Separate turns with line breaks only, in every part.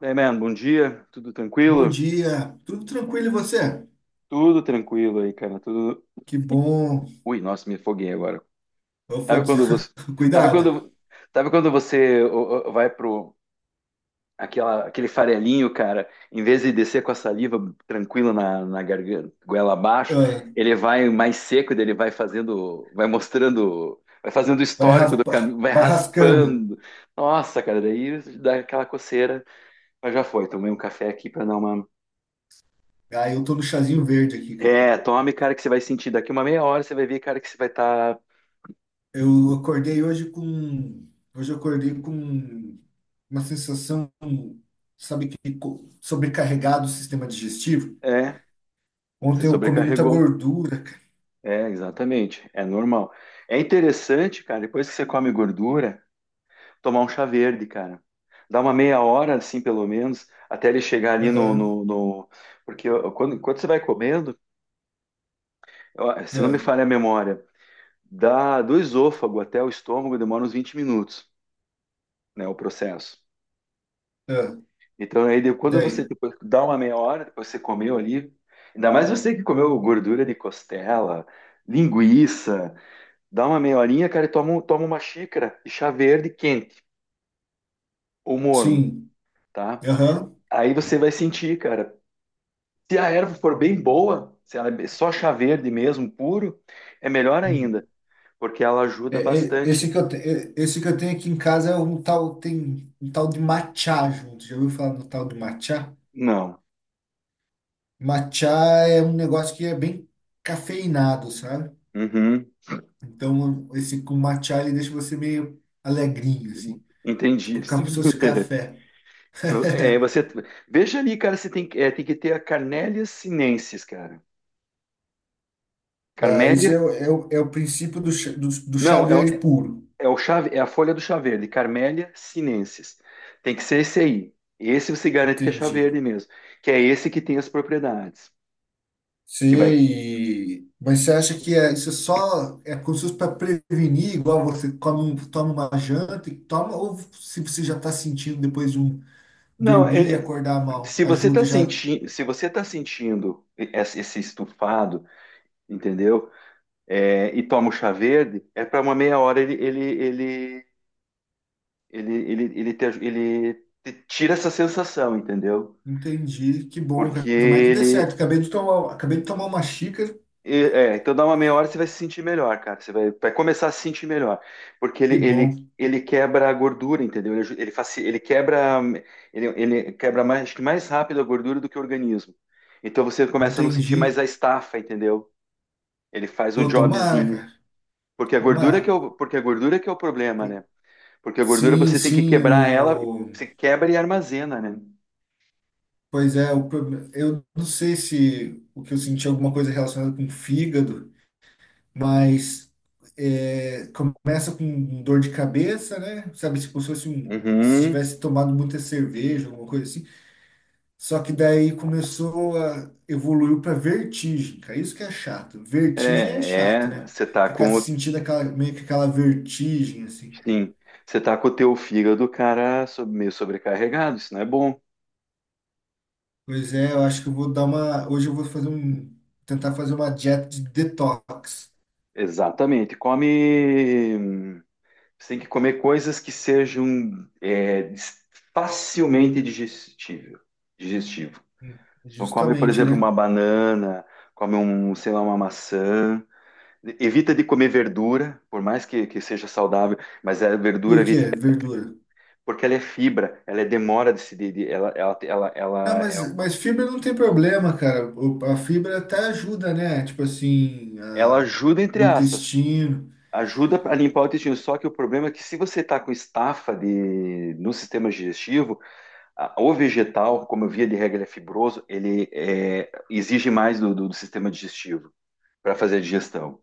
Daí, man, bom dia, tudo
Bom
tranquilo?
dia, tudo tranquilo e você?
Tudo tranquilo aí, cara, tudo...
Que bom.
Ui, nossa, me afoguei agora.
Eu fui...
Sabe
des-
quando você... Sabe
Cuidado.
quando, sabe quando você vai pro... aquele farelinho, cara, em vez de descer com a saliva tranquila na garganta, goela abaixo,
Ah,
ele vai mais seco, daí ele vai fazendo, vai mostrando, vai fazendo o
vai
histórico do
raspar,
caminho, vai
vai rascando.
raspando. Nossa, cara, daí dá aquela coceira, mas já foi. Tomei um café aqui pra dar uma.
Ah, eu tô no chazinho verde aqui, cara.
É, tome, cara, que você vai sentir daqui uma meia hora, você vai ver, cara, que você vai estar.
Eu acordei hoje com, hoje eu acordei com uma sensação, sabe sobrecarregado o sistema digestivo.
É, você
Ontem eu comi muita
sobrecarregou.
gordura, cara.
É, exatamente. É normal. É interessante, cara, depois que você come gordura, tomar um chá verde, cara. Dá uma meia hora, assim, pelo menos, até ele chegar ali no.
Aham,
no, no- Porque quando, quando você vai comendo, se não me
ah,
falha a memória, dá do esôfago até o estômago demora uns 20 minutos, né, o processo.
ah.
Então, aí, quando você
Daí,
depois dá uma meia hora, depois você comeu ali, ainda mais você que comeu gordura de costela, linguiça, dá uma meia horinha, cara, e toma uma xícara de chá verde quente ou morno,
sim,
tá?
aham.
Aí você vai sentir, cara. Se a erva for bem boa, se só chá verde mesmo, puro, é melhor ainda,
Hum.
porque ela ajuda bastante.
Esse que eu tenho aqui em casa é um tal, tem um tal de matcha junto. Já ouviu falar no tal do matcha?
Não.
Matcha é um negócio que é bem cafeinado, sabe?
Uhum.
Então, esse com matcha, ele deixa você meio alegrinho, assim.
Entendi.
Tipo, como se fosse café.
É, você veja ali, cara, você é, tem que ter a Carnélia sinensis, cara.
Ah, esse
Carmélia,
é, o- é, o- é o princípio do, do chá
não, é,
verde puro.
é o chave, é a folha do chá verde, Carmélia sinensis. Tem que ser esse aí. Esse você garante que é chá
Entendi.
verde mesmo, que é esse que tem as propriedades,
Sim,
que vai.
mas você acha que é, isso só é como se fosse para prevenir, igual você come, toma uma janta e toma, ou se você já está sentindo depois de um
Não,
dormir e
ele-
acordar mal,
Se você está
ajuda já.
sentindo, se você tá sentindo esse estufado, entendeu? É, e toma o chá verde, é para uma meia hora ele te tira essa sensação, entendeu?
Entendi, que bom,
Porque
cara. Tomara que dê
ele.
certo. Acabei de tomar uma xícara,
É, então dá uma meia hora você vai se sentir melhor, cara. Você vai, vai começar a se sentir melhor. Porque
que bom.
ele quebra a gordura, entendeu? Ele quebra, ele quebra mais, acho que mais rápido a gordura do que o organismo. Então você começa a não sentir
Entendi.
mais a estafa, entendeu? Ele faz o
Pô, tomara,
jobzinho.
cara. Tomara.
Porque a gordura que é o problema, né? Porque a gordura
Sim,
você tem que
sim,
quebrar ela,
o...
você quebra e armazena, né?
pois é, eu não sei se o que eu senti é alguma coisa relacionada com o fígado, mas é, começa com dor de cabeça, né? Sabe, tipo, se fosse um, se
Uhum.
tivesse tomado muita cerveja, alguma coisa assim. Só que daí começou a evoluiu para vertigem, cara. Isso que é chato. Vertigem é
É,
chato,
é,
né?
você tá
Ficar
com.
sentindo aquela meio que aquela vertigem assim.
Sim, você tá com o teu fígado, cara, meio sobrecarregado, isso não é bom.
Pois é, eu acho que eu vou dar uma, hoje eu vou fazer um tentar fazer uma dieta de detox.
Exatamente. Come. Você tem que comer coisas que sejam é, dis- facilmente digestível, digestivo. Então come, por
Justamente,
exemplo,
né?
uma banana, come um, sei lá, uma maçã. Evita de comer verdura, por mais que seja saudável, mas a
Por
verdura,
quê? Verdura.
porque ela é fibra, ela é demora de se,
Não,
ela, é um,
mas fibra não tem problema, cara. A fibra até ajuda, né? Tipo assim,
ela ajuda, entre
o
aspas.
intestino.
Ajuda a limpar o intestino, só que o problema é que se você está com estafa no sistema digestivo, o vegetal, como eu via de regra, ele é fibroso, ele é, exige mais do sistema digestivo para fazer a digestão,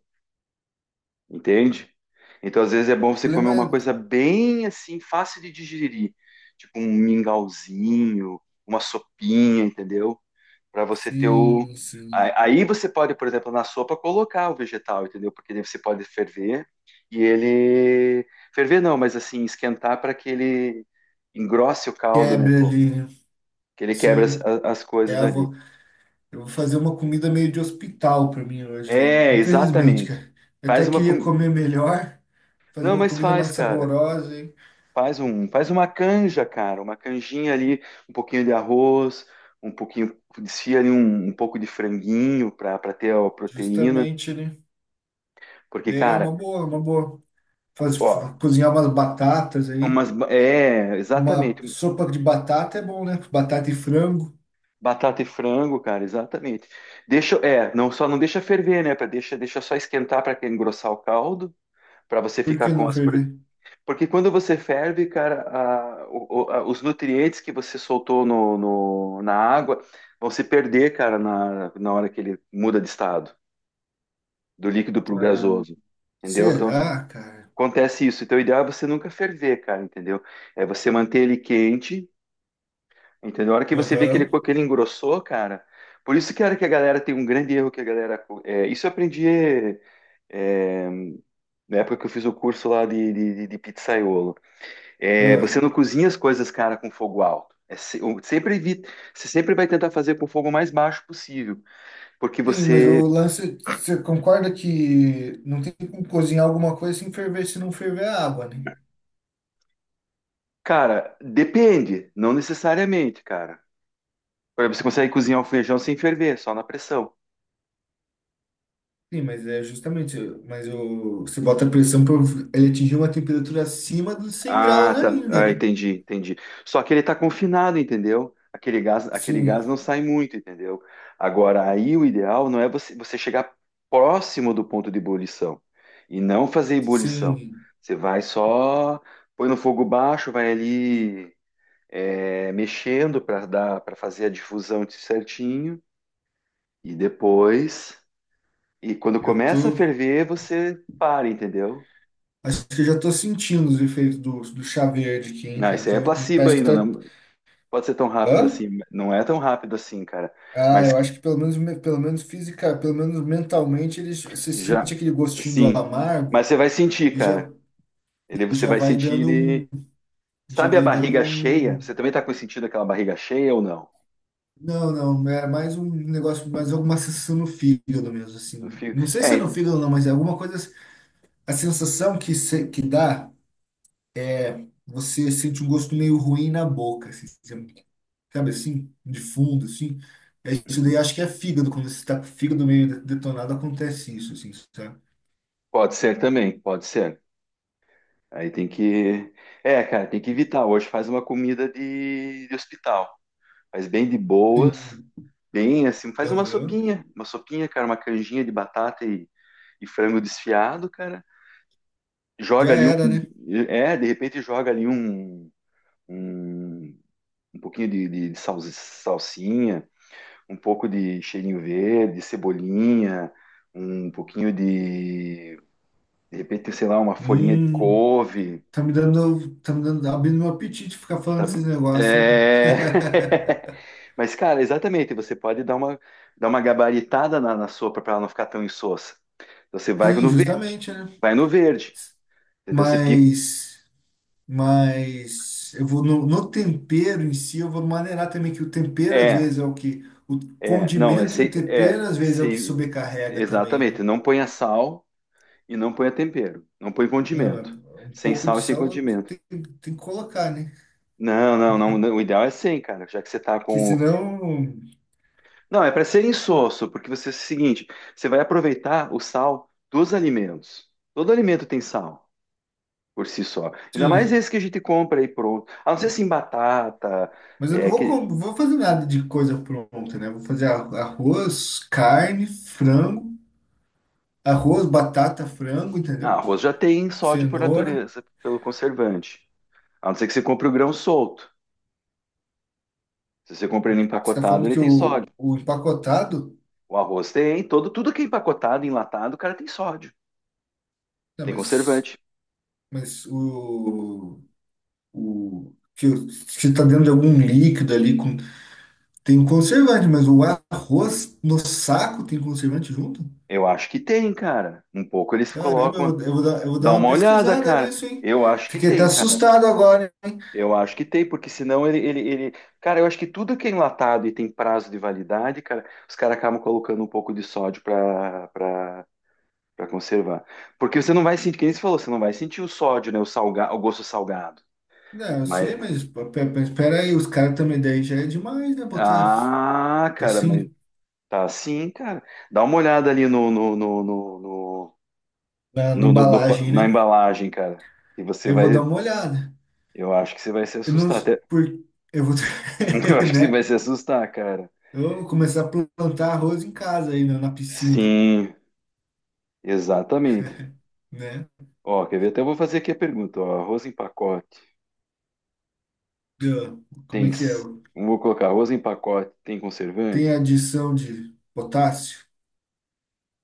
entende? Então, às vezes é bom
O
você comer
problema é.
uma coisa bem assim, fácil de digerir, tipo um mingauzinho, uma sopinha, entendeu? Para você ter o.
Sim, sim.
Aí você pode, por exemplo, na sopa colocar o vegetal, entendeu? Porque daí você pode ferver e ele. Ferver não, mas assim, esquentar para que ele engrosse o caldo, né?
Quebra
Pô?
ali, né?
Que ele quebra
Sim.
as
É,
coisas ali.
eu vou fazer uma comida meio de hospital pra mim hoje aí.
É,
Infelizmente,
exatamente.
cara. Eu
Faz
até
uma
queria comer
comida.
melhor, fazer
Não,
uma
mas
comida
faz,
mais
cara.
saborosa, hein?
Faz uma canja, cara, uma canjinha ali, um pouquinho de arroz, um pouquinho, desfia ali um pouco de franguinho para ter a proteína,
Justamente, né?
porque,
É uma
cara,
boa, uma boa. Faz,
ó,
cozinhar umas batatas aí.
é,
Uma
exatamente,
sopa de batata é bom, né? Batata e frango.
batata e frango, cara, exatamente. Deixa, é, não deixa ferver, né, para deixa, deixa só esquentar para engrossar o caldo, para você
Por
ficar
que
com
não
as.
ferver?
Porque quando você ferve, cara, os nutrientes que você soltou na água vão se perder, cara, na hora que ele muda de estado, do líquido para o
Ah,
gasoso. Entendeu? Então,
será, cara?
acontece isso. Então, o ideal é você nunca ferver, cara, entendeu? É você manter ele quente, entendeu? A hora que você vê que
Aham.
que ele engrossou, cara. Por isso, cara, que a galera tem um grande erro que a galera. É, isso eu aprendi é, na época que eu fiz o curso lá de pizzaiolo. É, você
Ah.
não cozinha as coisas, cara, com fogo alto. É sempre evita, você sempre vai tentar fazer com o fogo mais baixo possível, porque
Sim, mas
você,
o lance, você concorda que não tem como cozinhar alguma coisa sem ferver, se não ferver a água, né?
cara, depende, não necessariamente, cara. Por exemplo, você consegue cozinhar o feijão sem ferver, só na pressão.
Sim, mas é justamente, mas o, você bota a pressão para ele atingir uma temperatura acima dos 100
Ah,
graus
tá.
ainda,
Ah,
né?
entendi, entendi. Só que ele tá confinado, entendeu? Aquele gás
Sim,
não sai muito, entendeu? Agora, aí o ideal não é você, você chegar próximo do ponto de ebulição e não fazer ebulição.
sim,
Você vai só, põe no fogo baixo, vai ali é, mexendo para dar, para fazer a difusão certinho e depois, e quando
eu
começa a
tô,
ferver, você para, entendeu?
acho que eu já tô sentindo os efeitos do, do chá verde aqui, hein,
Não,
cara?
isso aí é
Tô-
placebo
parece que
ainda,
tá,
não, pode ser tão rápido
hã?
assim, não é tão rápido assim, cara.
Ah,
Mas
eu acho que pelo menos física, pelo menos mentalmente, você
já,
sente aquele gostinho do
sim.
amargo
Mas você vai sentir,
e já,
cara. Ele,
e
você
já
vai
vai
sentir
dando um,
ele.
já
Sabe a
vai dando
barriga cheia?
um,
Você também tá com sentido aquela barriga cheia ou não?
não, não, é mais um negócio, mais alguma sensação no fígado mesmo, assim. Não sei
É,
se é no fígado ou não, mas é alguma coisa, a sensação que se- que dá, você sente um gosto meio ruim na boca, assim, sabe assim, de fundo, assim. É isso
uhum.
daí, acho que é fígado, quando você está com o fígado meio detonado, acontece isso, assim, sabe?
Pode ser também, pode ser. Aí tem que, é, cara, tem que evitar. Hoje faz uma comida de hospital, faz bem de boas,
Sim.
bem assim, faz
Aham.
uma sopinha, cara, uma canjinha de batata e frango desfiado, cara. Joga
Já
ali um.
era, né?
É, de repente joga ali um, um pouquinho de salsinha, um pouco de cheirinho verde, cebolinha, um pouquinho de. De repente, sei lá, uma folhinha de
Hum,
couve.
tá me dando, abrindo meu apetite ficar falando desses
Sabe?
negócios, hein?
É.
Cara?
Mas, cara, exatamente, você pode dar uma gabaritada na sopa para ela não ficar tão insossa. Você
Sim, justamente, né?
vai no verde, entendeu? Você pica.
Mas, mas eu vou no, no tempero em si, eu vou maneirar também que o tempero às
É,
vezes é o que, o
é, não,
condimento e o tempero
é,
às vezes é o que
sei,
sobrecarrega também, né?
exatamente. Não ponha sal e não ponha tempero. Não põe
Ah, mas
condimento.
um
Sem
pouco
sal
de
e sem
sal tu
condimento.
tem, tem que colocar, né?
Não, o ideal é sem, cara, já que você tá
Que
com.
senão,
Não, é para ser insosso, porque você é o seguinte: você vai aproveitar o sal dos alimentos. Todo alimento tem sal por si só. Ainda mais
sim.
esse que a gente compra aí pronto. A não ser assim, batata,
Mas eu não
é,
vou,
que...
vou fazer nada de coisa pronta, né? Vou fazer arroz, carne, frango, arroz, batata, frango,
Ah,
entendeu?
arroz já tem sódio por
Cenoura.
natureza, pelo conservante. A não ser que você compre o grão solto. Se você compra ele
Você está
empacotado,
falando
ele
que
tem sódio.
o empacotado.
O arroz tem, todo, tudo que é empacotado, enlatado, o cara tem sódio.
Não,
Tem conservante.
mas o que que está dentro de algum líquido ali com, tem um conservante, mas o arroz no saco tem conservante junto?
Eu acho que tem, cara. Um pouco eles
Caramba,
colocam.
eu vou dar
Dá
uma
uma olhada,
pesquisada
cara.
nisso, hein?
Eu acho que
Fiquei até
tem, cara.
assustado agora.
Eu acho que tem, porque senão ele... Cara, eu acho que tudo que é enlatado e tem prazo de validade, cara, os caras acabam colocando um pouco de sódio pra conservar. Porque você não vai sentir, quem você falou, você não vai sentir o sódio, né? O, salga... o gosto salgado.
Não, eu
Mas.
sei, mas espera aí, os caras também daí já é demais, né? Botar
Ah, cara, mas
assim
tá sim, cara. Dá uma olhada ali no, no, no, no, no-
na, na
no- no- no pa-
embalagem,
na
né?
embalagem, cara. E você
Eu vou dar
vai.
uma olhada.
Eu acho que você vai se
Eu não,
assustar.
s-
Até...
por, eu vou,
Eu acho que você vai
né?
se assustar, cara.
Eu vou começar a plantar arroz em casa aí na, na piscina,
Sim, exatamente.
né?
Ó, quer ver? Até eu vou fazer aqui a pergunta. Ó, arroz em pacote.
Eu- como
Tem.
é que é?
Vou colocar arroz em pacote. Tem
Tem
conservante?
adição de potássio,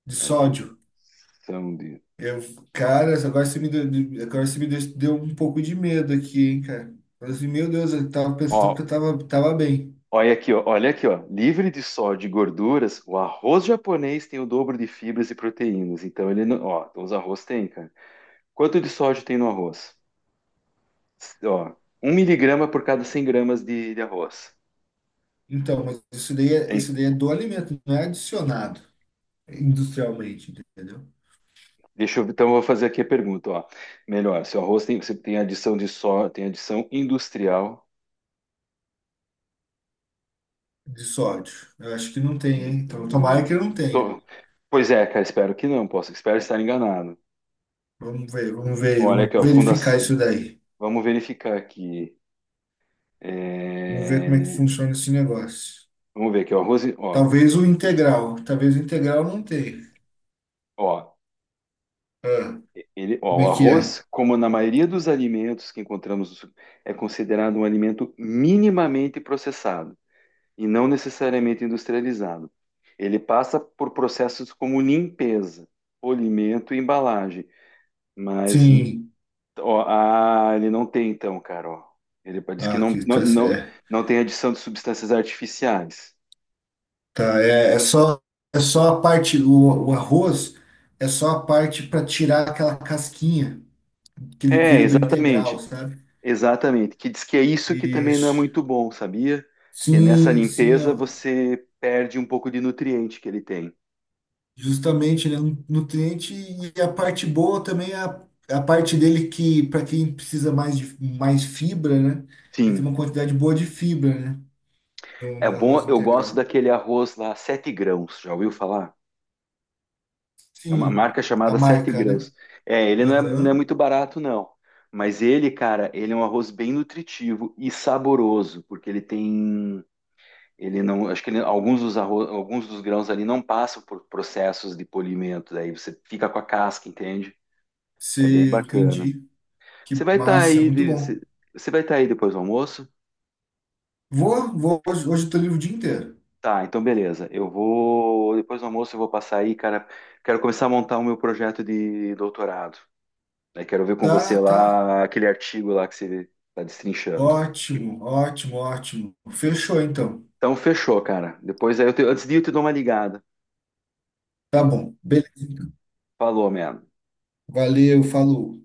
de sódio.
Adição de.
Eu, cara, agora você me deu, deu um pouco de medo aqui, hein, cara? Eu falei assim, meu Deus, eu tava pensando que eu
Ó,
tava, tava bem.
olha aqui, ó, olha aqui, ó. Livre de sódio e gorduras, o arroz japonês tem o dobro de fibras e proteínas. Então ele não, ó, então os arroz tem, cara. Quanto de sódio tem no arroz? Ó, um miligrama por cada 100 gramas de arroz.
Então, mas
Tem,
isso daí é do alimento, não é adicionado industrialmente, entendeu?
deixa eu, então eu vou fazer aqui a pergunta, ó. Melhor, se o arroz tem, você tem adição de sódio, tem adição industrial.
De sódio. Eu acho que não tem,
hum,
hein? Então,
do-
tomara que não tenha.
tô- Pois é, cara, espero que não, posso, espero estar enganado.
Vamos ver, vamos ver,
Olha
vamos
aqui, ó,
verificar
fundação,
isso daí.
vamos verificar aqui.
Vamos ver como é que
É,
funciona esse negócio.
vamos ver aqui, o arroz, ó,
Talvez o integral não tenha.
ó,
Ah,
ele, ó,
como
o
é que é?
arroz, como na maioria dos alimentos que encontramos, no su- é considerado um alimento minimamente processado e não necessariamente industrializado. Ele passa por processos como limpeza, polimento e embalagem, mas
Sim.
ó, ah, ele não tem então, cara, ó. Ele diz que
Ah, aqui tá certo. É,
não tem adição de substâncias artificiais.
tá, é só a parte, o arroz é só a parte para tirar aquela casquinha que ele
É,
vira do integral,
exatamente.
sabe?
Exatamente, que diz que é isso que também não é
Isso.
muito bom, sabia? Que nessa
Sim, sim, é-
limpeza você perde um pouco de nutriente que ele tem.
justamente, né? Nutriente e a parte boa também é a, é a parte dele que, para quem precisa mais de mais fibra, né? Ele tem
Sim,
uma quantidade boa de fibra, né? No,
é
no
bom,
arroz
eu gosto
integral.
daquele arroz lá, sete grãos, já ouviu falar? É uma
Sim,
marca
a
chamada Sete
marca, né?
Grãos. É, ele não é, não é
Aham,
muito barato, não. Mas ele, cara, ele é um arroz bem nutritivo e saboroso, porque ele tem, ele não, acho que alguns dos arroz, alguns dos grãos ali não passam por processos de polimento, daí você fica com a casca, entende? É bem
você
bacana.
entendi. Que massa, muito
Você
bom.
você vai estar aí depois do almoço?
Vou, vou, hoje, hoje eu tô livre o dia inteiro.
Tá, então beleza. Eu vou depois do almoço eu vou passar aí, cara. Quero começar a montar o meu projeto de doutorado. Né? Quero ver com você
Tá, tá.
lá aquele artigo lá que você está destrinchando.
Ótimo, ótimo, ótimo. Fechou então.
Então fechou, cara. Depois aí antes de ir, eu te dou uma ligada.
Tá bom. Beleza. Então.
Falou, man.
Valeu, falou.